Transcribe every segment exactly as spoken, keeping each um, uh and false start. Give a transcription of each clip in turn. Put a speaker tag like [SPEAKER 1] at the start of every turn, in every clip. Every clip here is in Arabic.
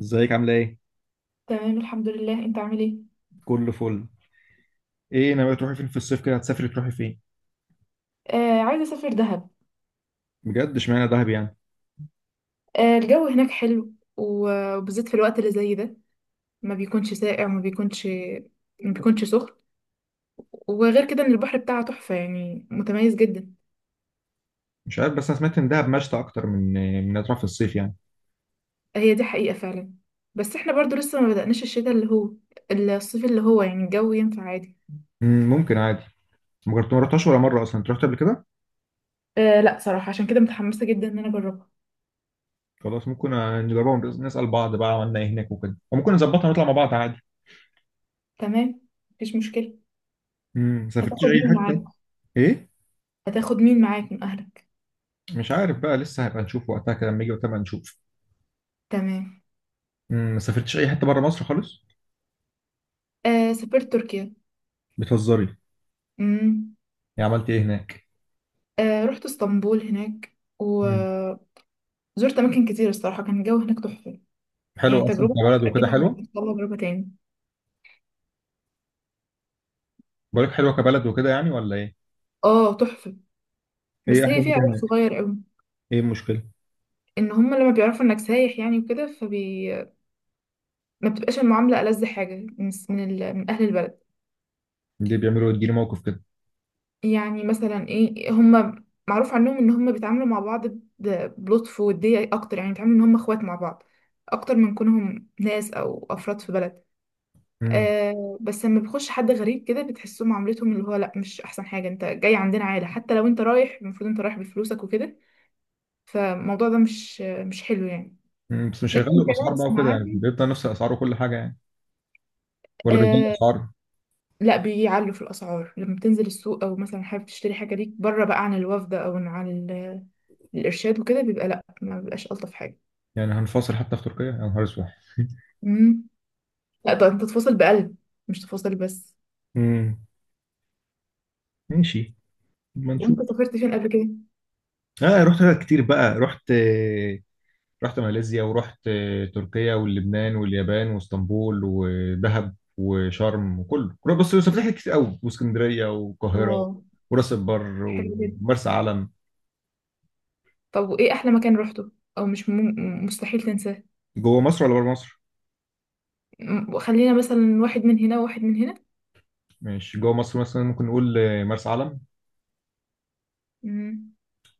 [SPEAKER 1] ازيك؟ عامله ايه؟
[SPEAKER 2] تمام الحمد لله. انت عامل ايه؟
[SPEAKER 1] كله فل. ايه، ناويه تروحي فين في الصيف كده؟ هتسافري تروحي فين؟
[SPEAKER 2] آه، عايزه اسافر دهب.
[SPEAKER 1] بجد؟ اشمعنى دهب يعني؟
[SPEAKER 2] آه، الجو هناك حلو و- وبالذات في الوقت اللي زي ده، ما بيكونش ساقع وما بيكونش ما بيكونش سخن. وغير كده ان البحر بتاعها تحفه يعني، متميز جدا.
[SPEAKER 1] مش عارف، بس انا سمعت ان دهب مشتى اكتر من من هتروح في الصيف يعني.
[SPEAKER 2] هي دي حقيقه فعلا، بس احنا برضو لسه ما بدأناش الشتاء اللي هو الصيف اللي هو، يعني الجو ينفع عادي.
[SPEAKER 1] مم، ممكن عادي. ما جربت، ما رحتهاش ولا مره اصلا. انت رحت قبل كده؟
[SPEAKER 2] آه لا، صراحه عشان كده متحمسه جدا ان انا اجربها.
[SPEAKER 1] خلاص، ممكن آه، نجربها ونس- نسال بعض بقى عملنا ايه هناك وكده، وممكن نظبطها ونطلع مع بعض عادي.
[SPEAKER 2] تمام، مفيش مشكله.
[SPEAKER 1] امم ما سافرتيش
[SPEAKER 2] هتاخد
[SPEAKER 1] اي
[SPEAKER 2] مين معاك؟
[SPEAKER 1] حته؟ ايه؟
[SPEAKER 2] هتاخد مين معاك من اهلك؟
[SPEAKER 1] مش عارف بقى، لسه هيبقى نشوف وقتها، كده لما يجي وقتها بقى نشوف.
[SPEAKER 2] تمام.
[SPEAKER 1] مم، ما سافرتيش اي حته بره مصر خالص؟
[SPEAKER 2] آه سافرت تركيا.
[SPEAKER 1] بتهزري؟
[SPEAKER 2] مم.
[SPEAKER 1] يعني عملتي ايه هناك؟
[SPEAKER 2] آه، رحت اسطنبول هناك،
[SPEAKER 1] مم،
[SPEAKER 2] وزرت اماكن كتير. الصراحه كان الجو هناك تحفه. يعني
[SPEAKER 1] حلو اصلا
[SPEAKER 2] تجربه،
[SPEAKER 1] كبلد وكده،
[SPEAKER 2] اكيد هتطلع
[SPEAKER 1] حلو.
[SPEAKER 2] تجربه تاني.
[SPEAKER 1] بقولك حلوه كبلد وكده يعني، ولا ايه؟
[SPEAKER 2] اه تحفه،
[SPEAKER 1] ايه
[SPEAKER 2] بس هي
[SPEAKER 1] احلى
[SPEAKER 2] فيها
[SPEAKER 1] حاجه
[SPEAKER 2] عيب
[SPEAKER 1] هناك؟
[SPEAKER 2] صغير قوي.
[SPEAKER 1] ايه المشكله؟
[SPEAKER 2] ان هم لما بيعرفوا انك سايح يعني وكده، فبي ما بتبقاش المعامله ألذ حاجه من من, ال... من اهل البلد.
[SPEAKER 1] اللي بيعملوا يديني موقف كده.
[SPEAKER 2] يعني مثلا ايه، هم معروف عنهم ان هم بيتعاملوا مع بعض ب- بلطف ووديه اكتر، يعني بيتعاملوا ان هم اخوات مع بعض، اكتر من كونهم ناس او افراد في بلد.
[SPEAKER 1] امم
[SPEAKER 2] آه بس لما بيخش حد غريب كده، بتحسه معاملتهم اللي هو لا، مش احسن حاجه انت جاي عندنا عائله، حتى لو انت رايح المفروض انت رايح بفلوسك وكده. فالموضوع ده مش آه، مش حلو يعني.
[SPEAKER 1] أمم، بس مش
[SPEAKER 2] لكن
[SPEAKER 1] هيغلوا الاسعار بقى
[SPEAKER 2] كناس
[SPEAKER 1] وكده، يعني
[SPEAKER 2] معاهم.
[SPEAKER 1] بيبقى نفس الاسعار وكل حاجه يعني؟ ولا بيغلوا
[SPEAKER 2] آه
[SPEAKER 1] الاسعار؟
[SPEAKER 2] لا، بيعلوا في الاسعار لما بتنزل السوق، او مثلا حابب تشتري حاجه ليك بره بقى عن الوفد، او عن عن ال- الارشاد وكده، بيبقى لا، ما بيبقاش الطف حاجه.
[SPEAKER 1] يعني هنفاصل حتى في تركيا؟ يا نهار اسود!
[SPEAKER 2] امم، لا ده انت تفاصل بقلب، مش تفاصل بس.
[SPEAKER 1] امم ماشي. ما نشوف.
[SPEAKER 2] وانت سافرت فين قبل كده؟
[SPEAKER 1] اه، رحت حاجات كتير بقى. رحت آه، رحت ماليزيا ورحت آه، تركيا واللبنان واليابان واسطنبول ودهب وشرم وكله كله- بس سافرت حاجات كتير قوي، واسكندريه والقاهره
[SPEAKER 2] واو،
[SPEAKER 1] وراس البر
[SPEAKER 2] حلو جدا.
[SPEAKER 1] ومرسى علم.
[SPEAKER 2] طب وايه احلى مكان روحته، او مش مم... مستحيل تنساه؟
[SPEAKER 1] جوه مصر ولا بره مصر؟
[SPEAKER 2] م- وخلينا مثلا واحد من هنا وواحد من هنا.
[SPEAKER 1] ماشي، جوه مصر مثلا ممكن نقول آه، مرسى علم.
[SPEAKER 2] مم.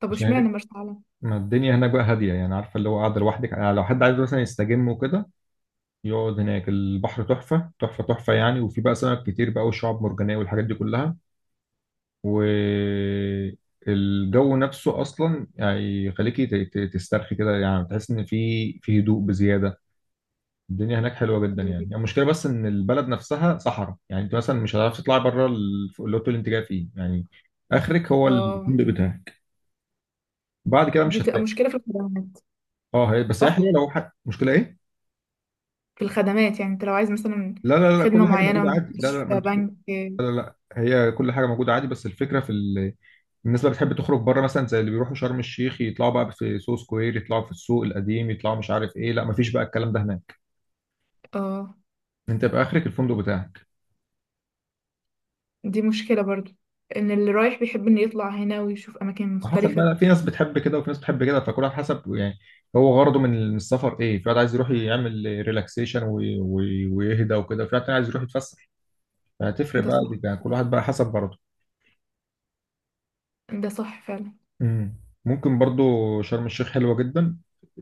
[SPEAKER 2] طب
[SPEAKER 1] عشان
[SPEAKER 2] واشمعنى
[SPEAKER 1] هناك،
[SPEAKER 2] مرسى علم؟
[SPEAKER 1] ما الدنيا هناك بقى هادية يعني، عارفة اللي هو قاعدة لوحدك، يعني لو حد عايز مثلا يستجم وكده يقعد هناك. البحر تحفة تحفة تحفة يعني، وفي بقى سمك كتير بقى والشعاب مرجانية والحاجات دي كلها. والجو نفسه أصلا يعني يخليكي ت- ت- تسترخي كده، يعني تحس إن في في هدوء بزيادة. الدنيا هناك حلوة جدا يعني
[SPEAKER 2] حلوة
[SPEAKER 1] يعني
[SPEAKER 2] جدا.
[SPEAKER 1] المشكلة بس إن البلد نفسها صحراء، يعني أنت مثلا مش هتعرف تطلع بره الفندق اللي أنت جاي فيه يعني. آخرك هو
[SPEAKER 2] اه،
[SPEAKER 1] الفندق بتاعك، بعد كده مش
[SPEAKER 2] دي بتبقى
[SPEAKER 1] هتلاقي.
[SPEAKER 2] مشكلة في الخدمات.
[SPEAKER 1] اه، هي بس احنا
[SPEAKER 2] صح،
[SPEAKER 1] لو حاجة. مشكله ايه؟
[SPEAKER 2] في الخدمات. يعني انت لو عايز مثلا
[SPEAKER 1] لا لا لا،
[SPEAKER 2] خدمة
[SPEAKER 1] كل حاجه
[SPEAKER 2] معينة،
[SPEAKER 1] موجوده عادي، لا لا ما
[SPEAKER 2] مستشفى،
[SPEAKER 1] انت.
[SPEAKER 2] بنك.
[SPEAKER 1] هي كل حاجه موجوده عادي، بس الفكره في ال... الناس اللي بتحب تخرج بره مثلا، زي اللي بيروحوا شرم الشيخ، يطلعوا بقى في سو سكوير، يطلعوا في السوق القديم، يطلعوا مش عارف ايه. لا ما فيش بقى الكلام ده هناك.
[SPEAKER 2] اه،
[SPEAKER 1] انت يبقى اخرك الفندق بتاعك.
[SPEAKER 2] دي مشكلة برضو، ان اللي رايح بيحب انه يطلع هنا ويشوف اماكن
[SPEAKER 1] وحسب
[SPEAKER 2] مختلفة.
[SPEAKER 1] بقى، في ناس بتحب كده وفي ناس بتحب كده، فكل واحد حسب يعني هو غرضه من السفر ايه. في واحد عايز يروح يعمل ريلاكسيشن ويهدى وكده، في واحد تاني عايز يروح يتفسح. فهتفرق
[SPEAKER 2] ده
[SPEAKER 1] بقى
[SPEAKER 2] صح،
[SPEAKER 1] دي- يعني كل واحد بقى حسب غرضه.
[SPEAKER 2] ده صح فعلا.
[SPEAKER 1] مم. ممكن برضو شرم الشيخ حلوة جدا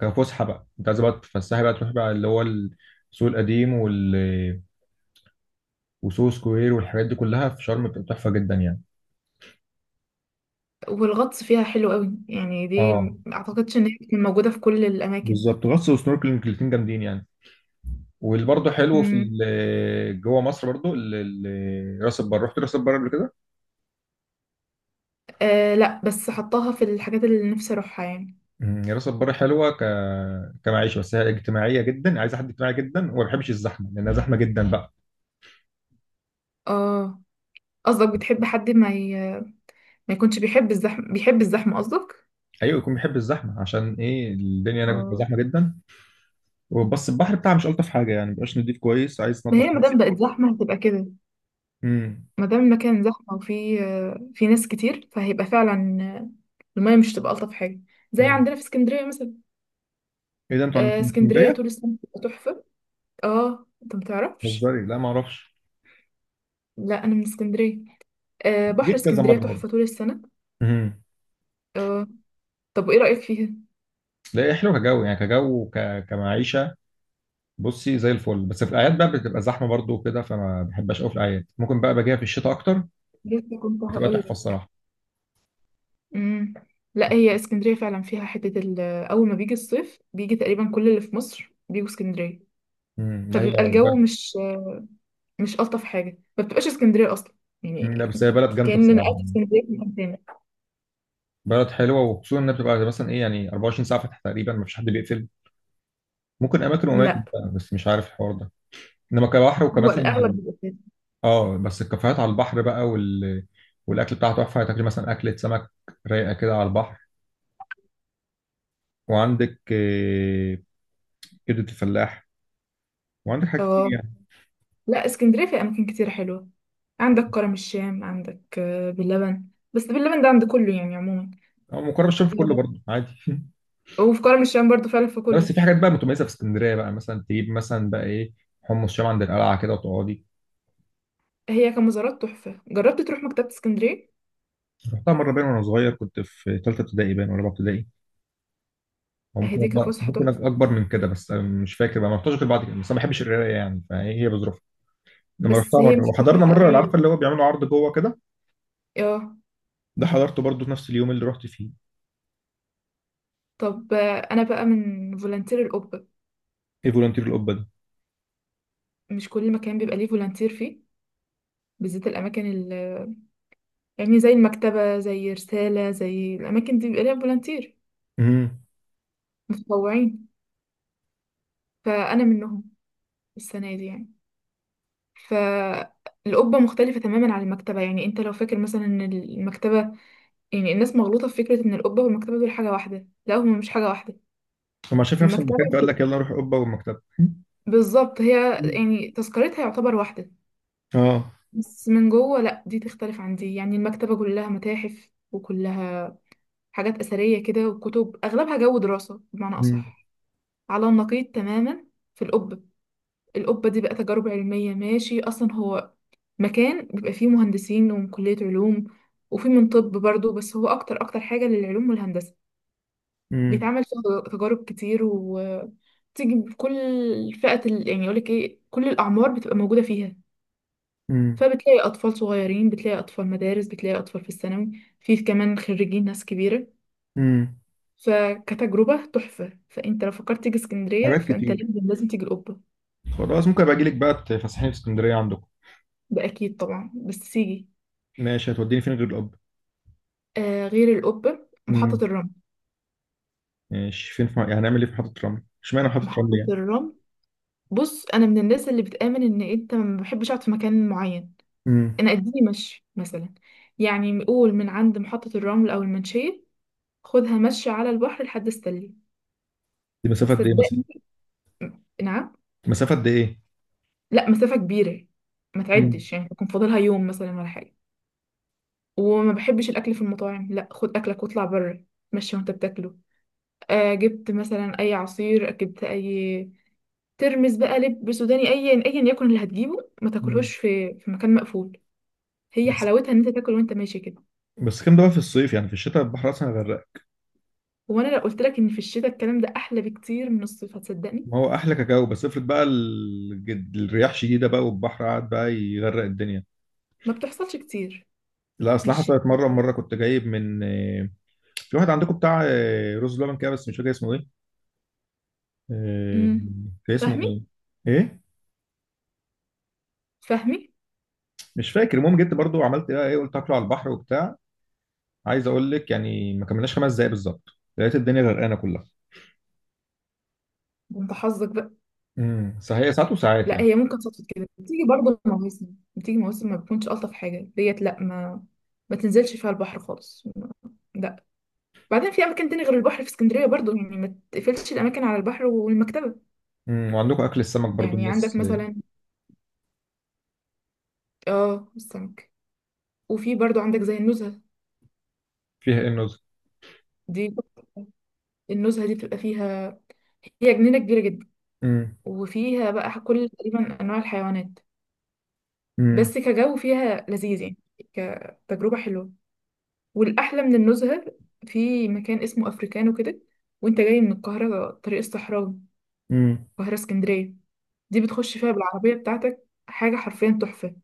[SPEAKER 1] كفسحة بقى، انت عايز بقى تتفسحي بقى تروحي بقى اللي هو السوق القديم وال... وسوق سكوير والحاجات دي كلها في شرم بتبقى تحفة جدا يعني.
[SPEAKER 2] والغطس فيها حلو قوي يعني، دي
[SPEAKER 1] اه
[SPEAKER 2] م- اعتقدش ان هي بتكون موجودة في كل الاماكن.
[SPEAKER 1] بالظبط، غطس وسنوركلينج الاتنين جامدين يعني. واللي برضه حلو في
[SPEAKER 2] مم.
[SPEAKER 1] ال- جوه مصر برضه ال- ال- راس البر، رحت راس البر قبل كده؟
[SPEAKER 2] آه لا، بس حطاها في الحاجات اللي نفسي اروحها يعني.
[SPEAKER 1] مم. راس البر حلوة ك... كمعيشة، بس هي اجتماعية جدا، عايزة حد اجتماعي جدا وما بيحبش الزحمة، لأنها زحمة جدا بقى.
[SPEAKER 2] اه، قصدك بتحب حد ما ي... ما يكونش بيحب الزحمة، بيحب الزحمة قصدك؟
[SPEAKER 1] أيوة، يكون بيحب الزحمة. عشان إيه؟ الدنيا هناك بتبقى
[SPEAKER 2] اه،
[SPEAKER 1] زحمة جدا. بس البحر بتاعها مش الطف حاجه يعني، مبقاش نضيف كويس، عايز
[SPEAKER 2] ما
[SPEAKER 1] تنضف
[SPEAKER 2] هي
[SPEAKER 1] كويس.
[SPEAKER 2] مادام بقت زحمة هتبقى كده.
[SPEAKER 1] امم
[SPEAKER 2] مادام المكان زحمة وفي في ناس كتير، فهيبقى فعلا المية مش هتبقى ألطف حاجة. زي
[SPEAKER 1] امم
[SPEAKER 2] عندنا في اسكندرية مثلا.
[SPEAKER 1] ايه ده، انتوا
[SPEAKER 2] آه،
[SPEAKER 1] عندكم في
[SPEAKER 2] اسكندرية
[SPEAKER 1] اسكندريه؟
[SPEAKER 2] طول السنة بتبقى تحفة. اه انت متعرفش؟
[SPEAKER 1] بتهزري؟ لا، ما اعرفش.
[SPEAKER 2] لا أنا من اسكندرية. آه، بحر
[SPEAKER 1] جيت كذا
[SPEAKER 2] اسكندرية
[SPEAKER 1] مره برضه.
[SPEAKER 2] تحفة طول السنة.
[SPEAKER 1] امم
[SPEAKER 2] آه. طب وايه رأيك فيها؟
[SPEAKER 1] لا، هي حلوه كجو يعني، كجو وك... كمعيشه، بصي زي الفل. بس في الاعياد بقى بتبقى زحمه برضه وكده، فما بحبهاش قوي في الاعياد. ممكن بقى باجيها في الشتاء اكتر،
[SPEAKER 2] لسه كنت
[SPEAKER 1] بتبقى تحفه
[SPEAKER 2] هقولك.
[SPEAKER 1] الصراحه.
[SPEAKER 2] امم، لا هي اسكندريه فعلا فيها حته ال- اول ما بيجي الصيف بيجي تقريبا كل اللي في مصر بيجوا اسكندريه.
[SPEAKER 1] امم ده هي
[SPEAKER 2] فبيبقى الجو
[SPEAKER 1] بلد...
[SPEAKER 2] مش مش الطف حاجه، ما بتبقاش اسكندريه اصلا
[SPEAKER 1] مم، لا،
[SPEAKER 2] يعني.
[SPEAKER 1] بس هي بلد جامده
[SPEAKER 2] كأن انا
[SPEAKER 1] الصراحه
[SPEAKER 2] قاعده في
[SPEAKER 1] يعني.
[SPEAKER 2] اسكندريه في مكان تاني.
[SPEAKER 1] بلد حلوه، وخصوصا انها بتبقى مثلا ايه يعني اربع وعشرين ساعه فاتحه تقريبا، ما فيش حد بيقفل. ممكن اماكن واماكن
[SPEAKER 2] لا
[SPEAKER 1] بقى، بس مش عارف الحوار ده. انما كبحر
[SPEAKER 2] هو
[SPEAKER 1] وكمثلا،
[SPEAKER 2] الاغلب بيبقى كده.
[SPEAKER 1] اه، بس الكافيهات على البحر بقى وال... والاكل بتاعها تحفه، تاكل مثلا اكله سمك رايقه كده على البحر. وعندك آه، كبده الفلاح، وعندك حاجات كتير
[SPEAKER 2] اه،
[SPEAKER 1] يعني.
[SPEAKER 2] لا اسكندريه في اماكن كتير حلوه. عندك كرم الشام، عندك آه، باللبن. بس باللبن ده عند كله يعني عموما.
[SPEAKER 1] او مقرب الشرف كله برضه عادي.
[SPEAKER 2] آه، وفي كرم الشام برضو فعلا في كله.
[SPEAKER 1] بس في حاجات بقى متميزه في اسكندريه بقى، مثلا تجيب مثلا بقى ايه، حمص شام عند القلعه كده وتقعدي.
[SPEAKER 2] هي كمزارات تحفه. جربت تروح مكتبه اسكندريه؟
[SPEAKER 1] رحتها مره، باين وانا صغير كنت في ثالثه ابتدائي، باين ولا رابعه ابتدائي، او
[SPEAKER 2] هي
[SPEAKER 1] ممكن
[SPEAKER 2] دي
[SPEAKER 1] أكبر،
[SPEAKER 2] كفسحه
[SPEAKER 1] ممكن
[SPEAKER 2] تحفه.
[SPEAKER 1] اكبر من كده، بس أنا مش فاكر بقى، ما رحتش غير بعد كده. بس أنا ما بحبش القرايه يعني، فهي هي بظروفها. لما
[SPEAKER 2] بس
[SPEAKER 1] رحتها
[SPEAKER 2] هي مش
[SPEAKER 1] مره وحضرنا
[SPEAKER 2] كلها
[SPEAKER 1] مره، عارفه
[SPEAKER 2] قراية.
[SPEAKER 1] اللي هو بيعملوا عرض جوه كده،
[SPEAKER 2] اه.
[SPEAKER 1] ده حضرته برضه في نفس اليوم اللي رحت فيه.
[SPEAKER 2] طب آه، انا بقى من فولنتير القبة.
[SPEAKER 1] ايه فولunteer القبه ده؟
[SPEAKER 2] مش كل مكان بيبقى ليه فولنتير فيه، بالذات الاماكن ال، يعني زي المكتبة زي رسالة زي الاماكن دي، بيبقى ليها فولنتير،
[SPEAKER 1] امم
[SPEAKER 2] متطوعين. فانا منهم السنة دي يعني. فالقبة مختلفة تماما عن المكتبة. يعني انت لو فاكر مثلا ان المكتبة، يعني الناس مغلوطة في فكرة ان القبة والمكتبة دول حاجة واحدة. لا هما مش حاجة واحدة.
[SPEAKER 1] لما شاف نفس
[SPEAKER 2] المكتبة،
[SPEAKER 1] المكان فقال لك يلا نروح القبه والمكتبه.
[SPEAKER 2] بالظبط هي
[SPEAKER 1] مم.
[SPEAKER 2] يعني تذكرتها يعتبر واحدة،
[SPEAKER 1] اه.
[SPEAKER 2] بس من جوه لا، دي تختلف عن دي. يعني المكتبة كلها متاحف، وكلها حاجات أثرية كده، وكتب أغلبها جو دراسة بمعنى
[SPEAKER 1] امم
[SPEAKER 2] أصح. على النقيض تماما في القبة. القبة دي بقى تجارب علمية ماشي. أصلا هو مكان بيبقى فيه مهندسين ومن كلية علوم، وفي من طب برضه، بس هو أكتر أكتر حاجة للعلوم والهندسة.
[SPEAKER 1] امم
[SPEAKER 2] بيتعمل فيها تجارب كتير، و تيجي بكل فئة ال... يعني يقولك ايه، كل الأعمار بتبقى موجودة فيها.
[SPEAKER 1] امم
[SPEAKER 2] فبتلاقي أطفال صغيرين، بتلاقي أطفال مدارس، بتلاقي أطفال في الثانوي، في كمان خريجين، ناس كبيرة.
[SPEAKER 1] امم
[SPEAKER 2] فكتجربة تحفة. فأنت لو فكرت تيجي اسكندرية،
[SPEAKER 1] حاجات
[SPEAKER 2] فأنت
[SPEAKER 1] كتير.
[SPEAKER 2] لازم لازم تيجي القبة.
[SPEAKER 1] خلاص، ممكن ابقى اجي لك بقى تفسحني في اسكندريه عندكم.
[SPEAKER 2] ده أكيد طبعا، بس تيجي.
[SPEAKER 1] ماشي، هتوديني فين غير القبه؟
[SPEAKER 2] آه غير القبة، محطة
[SPEAKER 1] امم
[SPEAKER 2] الرمل.
[SPEAKER 1] ماشي فين في... يعني هنعمل ايه في محطه رمل؟ اشمعنى محطه رمل
[SPEAKER 2] محطة
[SPEAKER 1] يعني؟
[SPEAKER 2] الرمل بص أنا من الناس اللي بتآمن إن أنت، ما بحبش أقعد في مكان معين.
[SPEAKER 1] امم
[SPEAKER 2] أنا أديني مشي مثلا، يعني قول من عند محطة الرمل أو المنشية، خدها مشي على البحر لحد استلي.
[SPEAKER 1] دي مسافه قد ايه مثلا؟
[SPEAKER 2] صدقني. نعم؟
[SPEAKER 1] مسافه قد ايه؟
[SPEAKER 2] لا مسافة كبيرة، ما
[SPEAKER 1] امم
[SPEAKER 2] تعدش يعني يكون فاضلها يوم مثلا ولا حاجة. وما بحبش الأكل في المطاعم، لا خد أكلك واطلع بره، مشي وانت بتاكله. آه جبت مثلا أي عصير، جبت أي ترمس بقى، لب سوداني، أيا أيا يكن اللي هتجيبه، ما تاكلهوش في في مكان مقفول. هي
[SPEAKER 1] بس
[SPEAKER 2] حلاوتها إن أنت تاكل وانت ماشي كده.
[SPEAKER 1] بس كام ده بقى في الصيف؟ يعني في الشتاء البحر اصلا هيغرقك.
[SPEAKER 2] هو أنا لو قلت لك إن في الشتاء الكلام ده أحلى بكتير من الصيف، هتصدقني؟
[SPEAKER 1] ما هو احلى كاكاو، بس افرض بقى الجد... الرياح شديده بقى والبحر قعد بقى يغرق الدنيا.
[SPEAKER 2] ما بتحصلش كتير.
[SPEAKER 1] لا اصل
[SPEAKER 2] مش،
[SPEAKER 1] حصلت مره، مره كنت جايب من آه، في واحد عندكم بتاع آه، رز لبن كده، بس مش فاكر اسمه ايه. آه،
[SPEAKER 2] امم،
[SPEAKER 1] كان اسمه
[SPEAKER 2] فاهمي؟
[SPEAKER 1] ايه؟ ايه؟
[SPEAKER 2] فاهمي؟
[SPEAKER 1] مش فاكر. المهم جيت برضو عملت بقى ايه، قلت اكله على البحر وبتاع. عايز اقول لك يعني ما كملناش خمس دقايق بالظبط، لقيت الدنيا غرقانه كلها.
[SPEAKER 2] ده انت حظك بقى.
[SPEAKER 1] امم صحيح، ساعات وساعات
[SPEAKER 2] لا
[SPEAKER 1] يعني.
[SPEAKER 2] هي ممكن صدفة كده، بتيجي برضه مواسم، بتيجي مواسم ما بتكونش ألطف حاجة، ديت لا، ما ما تنزلش فيها البحر خالص. لا، بعدين في أماكن تاني غير البحر في اسكندرية برضه، يعني ما تقفلش الأماكن على البحر والمكتبة.
[SPEAKER 1] امم وعندكم اكل السمك برضو
[SPEAKER 2] يعني عندك
[SPEAKER 1] الناس آه،
[SPEAKER 2] مثلا، اه السمك. وفي برضه عندك زي النزهة.
[SPEAKER 1] فيها ايه النظر؟
[SPEAKER 2] دي النزهة دي بتبقى فيها، هي جنينة كبيرة جدا،
[SPEAKER 1] امم
[SPEAKER 2] وفيها بقى كل تقريبا أنواع الحيوانات.
[SPEAKER 1] امم
[SPEAKER 2] بس كجو فيها لذيذ يعني، كتجربة حلوة. والأحلى من النزهة، في مكان اسمه أفريكانو كده. وانت جاي من القاهرة طريق الصحراوي،
[SPEAKER 1] امم
[SPEAKER 2] القاهرة اسكندرية. دي بتخش فيها بالعربية بتاعتك، حاجة حرفيا تحفة.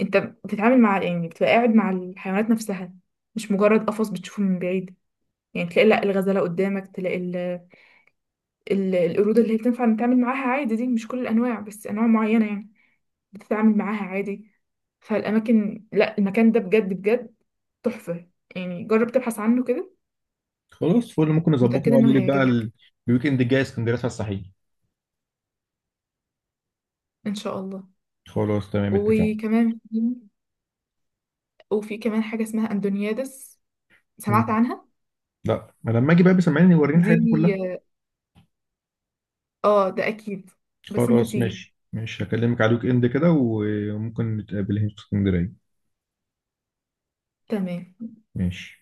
[SPEAKER 2] انت بتتعامل مع، يعني بتبقى قاعد مع الحيوانات نفسها، مش مجرد قفص بتشوفه من بعيد. يعني تلاقي لا الغزالة قدامك، تلاقي ال... ال... القرود اللي هي بتنفع نتعامل معاها عادي. دي مش كل الأنواع بس أنواع معينة يعني، بتتعامل معاها عادي. فالأماكن لا، المكان ده بجد بجد تحفة. يعني جرب تبحث عنه كده.
[SPEAKER 1] خلاص فل، ممكن نظبطه
[SPEAKER 2] متأكدة انه
[SPEAKER 1] واقول لك بقى ال-
[SPEAKER 2] هيعجبك.
[SPEAKER 1] الويكند الجاي اسكندريه على الصحيح.
[SPEAKER 2] ان شاء الله.
[SPEAKER 1] خلاص تمام اتفقنا.
[SPEAKER 2] وكمان في، وفي كمان حاجة اسمها اندونيادس. سمعت
[SPEAKER 1] مم.
[SPEAKER 2] عنها؟
[SPEAKER 1] لا، ما لما اجي بقى بسمعني وريني
[SPEAKER 2] دي
[SPEAKER 1] الحاجات دي كلها.
[SPEAKER 2] اه، ده اكيد. بس انت
[SPEAKER 1] خلاص
[SPEAKER 2] تيجي.
[SPEAKER 1] ماشي ماشي، هكلمك على الويك اند كده وممكن نتقابل هنا في اسكندريه.
[SPEAKER 2] تمام
[SPEAKER 1] ماشي.